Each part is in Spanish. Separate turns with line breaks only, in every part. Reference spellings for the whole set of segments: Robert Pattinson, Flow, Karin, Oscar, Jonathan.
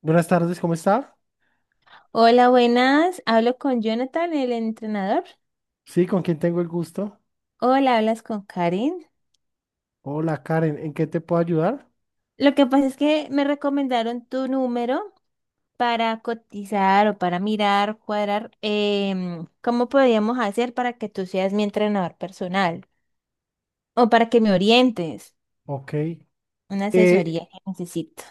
Buenas tardes, ¿cómo está?
Hola, buenas. Hablo con Jonathan, el entrenador.
Sí, ¿con quién tengo el gusto?
Hola, hablas con Karin.
Hola, Karen, ¿en qué te puedo ayudar?
Lo que pasa es que me recomendaron tu número para cotizar o para mirar, cuadrar, cómo podríamos hacer para que tú seas mi entrenador personal o para que me orientes.
Ok.
Una
Eh,
asesoría que necesito.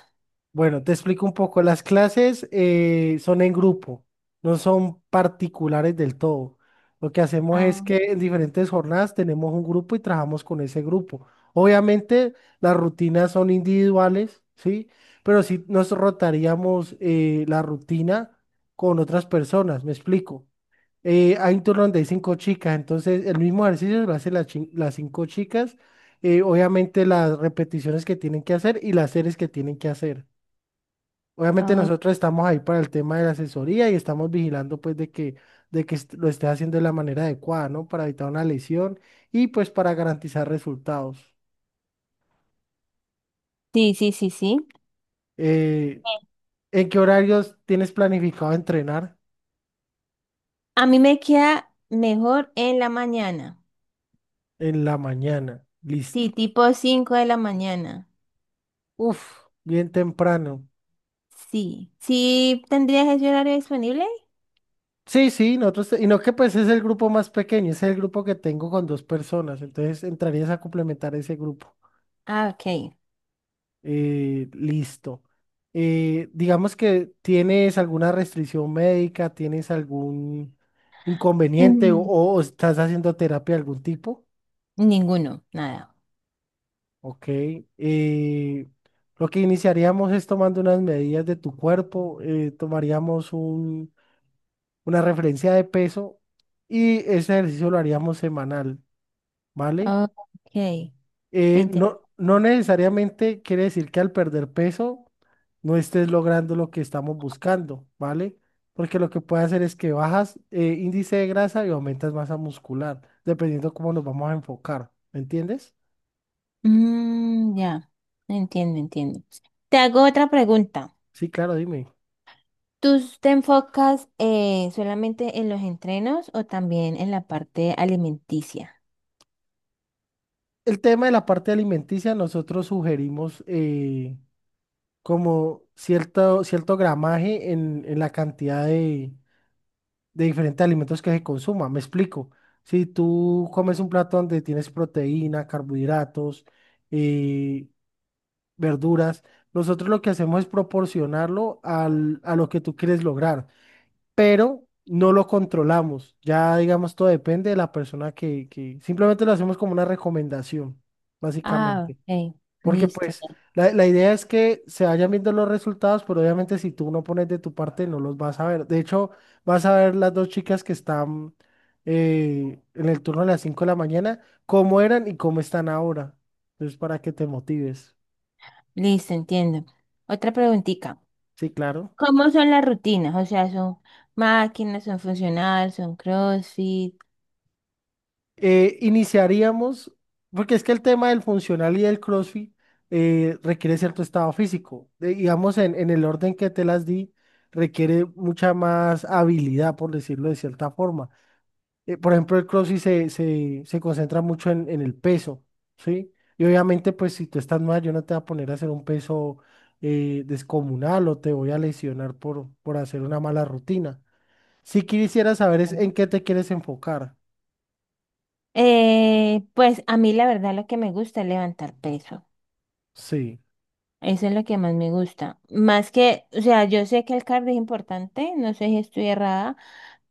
bueno, te explico un poco. Las clases son en grupo, no son particulares del todo. Lo que hacemos es
Ah,
que en diferentes jornadas tenemos un grupo y trabajamos con ese grupo. Obviamente las rutinas son individuales, ¿sí? Pero sí nos rotaríamos la rutina con otras personas, ¿me explico? Hay un turno donde hay cinco chicas, entonces el mismo ejercicio lo hacen las cinco chicas, obviamente las repeticiones que tienen que hacer y las series que tienen que hacer. Obviamente
oh,
nosotros estamos ahí para el tema de la asesoría y estamos vigilando pues de que lo estés haciendo de la manera adecuada, ¿no? Para evitar una lesión y pues para garantizar resultados.
sí, sí, sí, sí.
Eh, ¿En qué horarios tienes planificado entrenar?
A mí me queda mejor en la mañana.
En la mañana,
Sí,
listo.
tipo 5 de la mañana.
Uf, bien temprano.
Sí. ¿Sí tendrías ese horario disponible?
Sí, sí, nosotros, y no que pues es el grupo más pequeño, es el grupo que tengo con dos personas, entonces entrarías a complementar ese grupo.
Ah, ok.
Listo. Digamos que tienes alguna restricción médica, tienes algún inconveniente o,
Mm,
o estás haciendo terapia de algún tipo,
ninguno, nada.
ok. Eh, lo que iniciaríamos es tomando unas medidas de tu cuerpo, tomaríamos una referencia de peso y ese ejercicio lo haríamos semanal. ¿Vale?
Ok, me interesa.
No, no necesariamente quiere decir que al perder peso no estés logrando lo que estamos buscando, ¿vale? Porque lo que puede hacer es que bajas índice de grasa y aumentas masa muscular, dependiendo cómo nos vamos a enfocar, ¿me entiendes?
Mm, ya, entiendo, entiendo. Te hago otra pregunta.
Sí, claro, dime.
¿Tú te enfocas solamente en los entrenos o también en la parte alimenticia?
El tema de la parte alimenticia, nosotros sugerimos como cierto gramaje en la cantidad de diferentes alimentos que se consuma. Me explico. Si tú comes un plato donde tienes proteína, carbohidratos, eh, verduras, nosotros lo que hacemos es proporcionarlo a lo que tú quieres lograr, pero no lo controlamos. Ya, digamos, todo depende de la persona que simplemente lo hacemos como una recomendación,
Ah,
básicamente.
ok,
Porque
listo,
pues
ya.
la idea es que se vayan viendo los resultados, pero obviamente si tú no pones de tu parte no los vas a ver. De hecho, vas a ver las dos chicas que están en el turno de las 5 de la mañana, cómo eran y cómo están ahora. Entonces, para que te motives.
Listo, entiendo. Otra preguntita.
Sí, claro.
¿Cómo son las rutinas? O sea, ¿son máquinas, son funcionales, son CrossFit?
Iniciaríamos, porque es que el tema del funcional y del CrossFit requiere cierto estado físico. Digamos, en el orden que te las di, requiere mucha más habilidad, por decirlo de cierta forma. Por ejemplo, el CrossFit se concentra mucho en el peso, ¿sí? Y obviamente, pues si tú estás mal, yo no te voy a poner a hacer un peso descomunal o te voy a lesionar por hacer una mala rutina. Si quisiera saber es en qué te quieres enfocar.
Pues a mí la verdad lo que me gusta es levantar peso.
Sí,
Eso es lo que más me gusta. Más que, o sea, yo sé que el cardio es importante, no sé si estoy errada,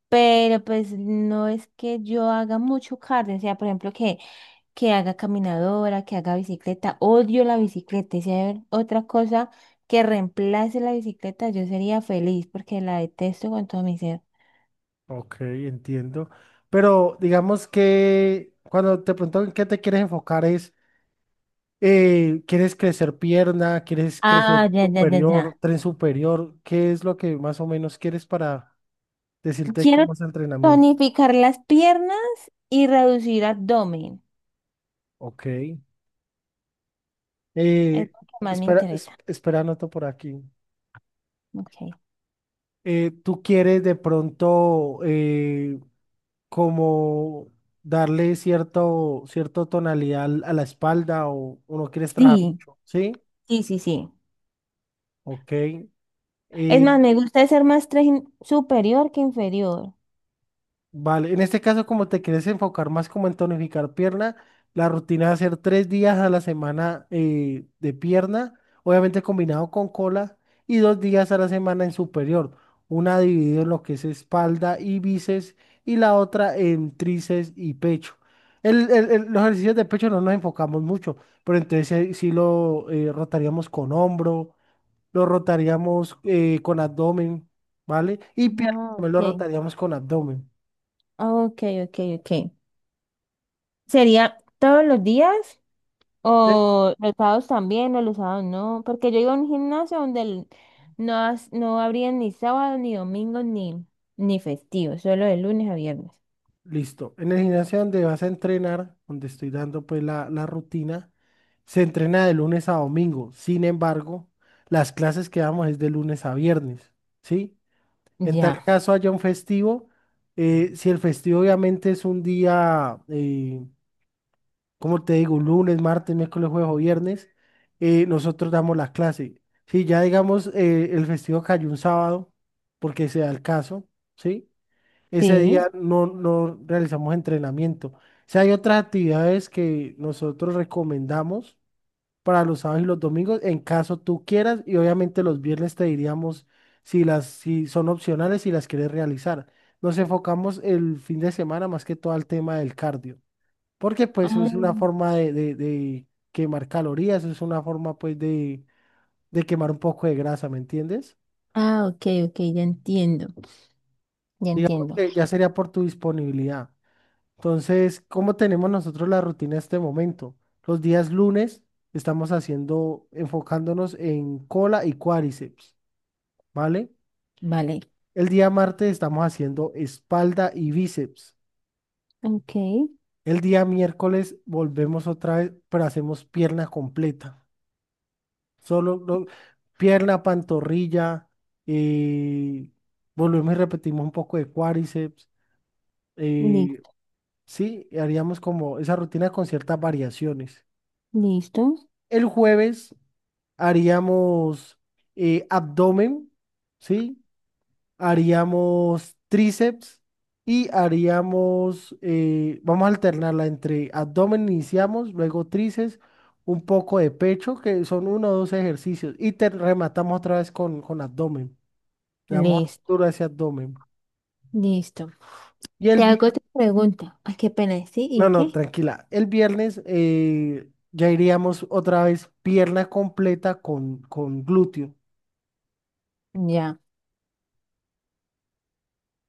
pero pues no es que yo haga mucho cardio. O sea, por ejemplo, que haga caminadora, que haga bicicleta. Odio la bicicleta. Y si hay otra cosa que reemplace la bicicleta, yo sería feliz porque la detesto con todo mi ser.
ok, entiendo. Pero digamos que cuando te pregunto en qué te quieres enfocar es, ¿quieres crecer pierna? ¿Quieres crecer
Ah, ya, ya, ya,
superior,
ya.
tren superior? ¿Qué es lo que más o menos quieres para... Decirte
Quiero
cómo es el entrenamiento.
tonificar las piernas y reducir abdomen.
Ok.
Es
Eh,
lo que más me
Espera,
interesa.
espera, anoto por aquí.
Okay.
¿Tú quieres de pronto como darle cierto tonalidad a la espalda o no quieres trabajar
Sí,
mucho? ¿Sí?
sí, sí, sí.
Ok.
Es
Eh,
más, me gusta ser más superior que inferior.
Vale, en este caso, como te quieres enfocar más como en tonificar pierna, la rutina va a ser 3 días a la semana de pierna, obviamente combinado con cola, y 2 días a la semana en superior. Una dividida en lo que es espalda y bíceps, y la otra en tríceps y pecho. Los ejercicios de pecho no nos enfocamos mucho, pero entonces sí, lo rotaríamos con hombro, lo rotaríamos con abdomen, ¿vale? Y pierna
Ah,
también lo
ok.
rotaríamos con abdomen.
Ok, ok, ok. ¿Sería todos los días? ¿O los sábados también? ¿O los sábados no? Porque yo iba a un gimnasio no, no abrían ni sábado, ni domingo, ni festivo. Solo de lunes a viernes.
Listo. En el gimnasio donde vas a entrenar, donde estoy dando pues la rutina, se entrena de lunes a domingo. Sin embargo, las clases que damos es de lunes a viernes, ¿sí? En tal
Ya.
caso haya un festivo, si el festivo obviamente es un día, como te digo, lunes, martes, miércoles, jueves o viernes, nosotros damos la clase. Si ya digamos el festivo cayó un sábado, porque sea el caso, ¿sí? Ese
Sí.
día no, no realizamos entrenamiento. O sea, hay otras actividades que nosotros recomendamos para los sábados y los domingos en caso tú quieras y obviamente los viernes te diríamos si son opcionales si las quieres realizar. Nos enfocamos el fin de semana más que todo al tema del cardio, porque pues
Ah,
es una forma de quemar calorías, es una forma pues de quemar un poco de grasa, ¿me entiendes?
ah, ok, ok, ya entiendo, ya
Digamos
entiendo.
que ya sería por tu disponibilidad. Entonces, ¿cómo tenemos nosotros la rutina en este momento? Los días lunes estamos haciendo, enfocándonos en cola y cuádriceps, ¿vale?
Vale,
El día martes estamos haciendo espalda y bíceps.
ok,
El día miércoles volvemos otra vez, pero hacemos pierna completa. Solo pierna, pantorrilla, eh, volvemos y repetimos un poco de cuádriceps.
li-
eh, sí, haríamos como esa rutina con ciertas variaciones.
listo,
El jueves haríamos abdomen, ¿sí? Haríamos tríceps y vamos a alternarla entre abdomen, iniciamos, luego tríceps, un poco de pecho, que son uno o dos ejercicios, y te rematamos otra vez con abdomen. Le damos
listo,
duro a ese abdomen.
listo.
Y el
Te hago
viernes,
otra pregunta. Ay, qué pena, ¿sí?
no,
¿Y
no,
qué?
tranquila, el viernes ya iríamos otra vez pierna completa con glúteo.
Ya.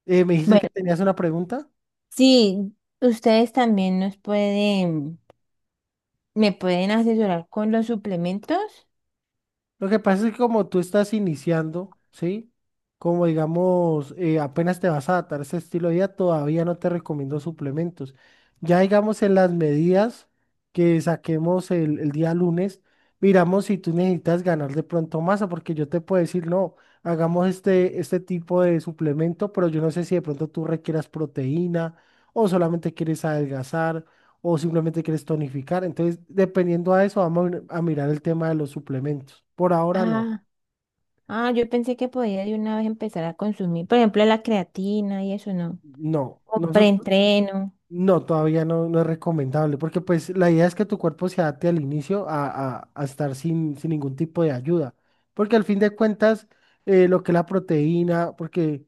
¿Me dijiste que
Bueno,
tenías una pregunta?
sí, ustedes también nos pueden, me pueden asesorar con los suplementos.
Lo que pasa es que como tú estás iniciando, ¿sí? Como digamos, apenas te vas a adaptar a ese estilo de vida, todavía no te recomiendo suplementos. Ya digamos en las medidas que saquemos el día lunes, miramos si tú necesitas ganar de pronto masa, porque yo te puedo decir, no, hagamos este tipo de suplemento, pero yo no sé si de pronto tú requieras proteína o solamente quieres adelgazar o simplemente quieres tonificar. Entonces, dependiendo a eso, vamos a mirar el tema de los suplementos. Por ahora no,
Ah, ah, yo pensé que podía de una vez empezar a consumir, por ejemplo, la creatina y eso no.
no,
Un
nosotros
preentreno.
no, todavía no, no es recomendable, porque pues la idea es que tu cuerpo se adapte al inicio a estar sin ningún tipo de ayuda, porque al fin de cuentas, lo que es la proteína, porque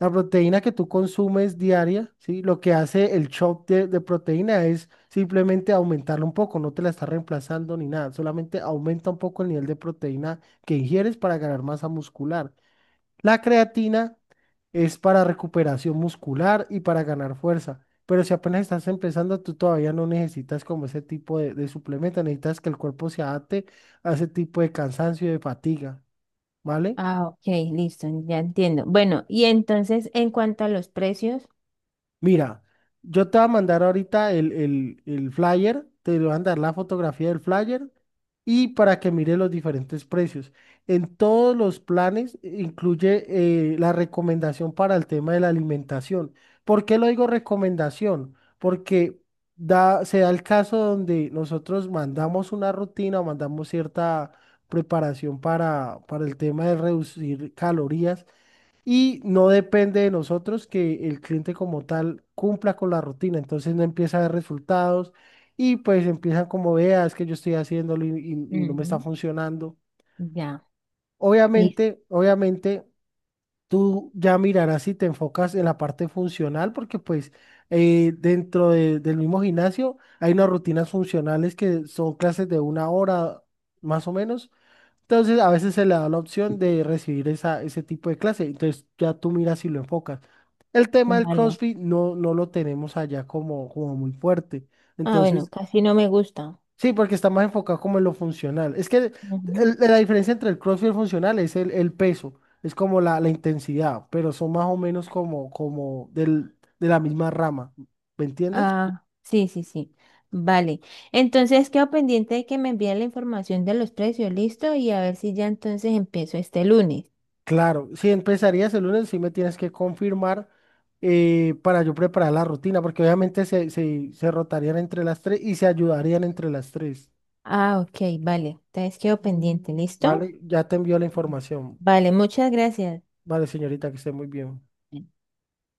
la proteína que tú consumes diaria, ¿sí? Lo que hace el chop de proteína es simplemente aumentarla un poco, no te la está reemplazando ni nada, solamente aumenta un poco el nivel de proteína que ingieres para ganar masa muscular. La creatina es para recuperación muscular y para ganar fuerza, pero si apenas estás empezando, tú todavía no necesitas como ese tipo de suplemento, necesitas que el cuerpo se adapte a ese tipo de cansancio y de fatiga, ¿vale?
Ah, ok, listo, ya entiendo. Bueno, y entonces, en cuanto a los precios.
Mira, yo te voy a mandar ahorita el flyer, te voy a mandar la fotografía del flyer y para que mire los diferentes precios. En todos los planes incluye la recomendación para el tema de la alimentación. ¿Por qué lo digo recomendación? Porque se da el caso donde nosotros mandamos una rutina o mandamos cierta preparación para el tema de reducir calorías y no depende de nosotros que el cliente como tal cumpla con la rutina, entonces no empieza a ver resultados y pues empiezan como veas es que yo estoy haciéndolo y no me está
Ujú,
funcionando.
ya, listo,
Obviamente tú ya mirarás si te enfocas en la parte funcional porque pues dentro del mismo gimnasio hay unas rutinas funcionales que son clases de una hora más o menos, entonces, a veces se le da la opción de recibir esa, ese tipo de clase. Entonces, ya tú miras si lo enfocas. El tema del
vale.
CrossFit no, no lo tenemos allá como, muy fuerte.
Ah, bueno,
Entonces,
casi no me gusta.
sí, porque está más enfocado como en lo funcional. Es que
Ujú.
la diferencia entre el CrossFit y el funcional es el peso, es como la intensidad, pero son más o menos como del, de la misma rama. ¿Me entiendes?
Ah, sí, sí, sí. Vale. Entonces quedo pendiente de que me envíen la información de los precios, listo, y a ver si ya entonces empiezo este lunes.
Claro, si empezarías el lunes, sí me tienes que confirmar para yo preparar la rutina, porque obviamente se rotarían entre las tres y se ayudarían entre las tres.
Ah, ok, vale. Entonces quedo pendiente, ¿listo?
Vale, ya te envío la información.
Vale, muchas gracias.
Vale, señorita, que esté muy bien.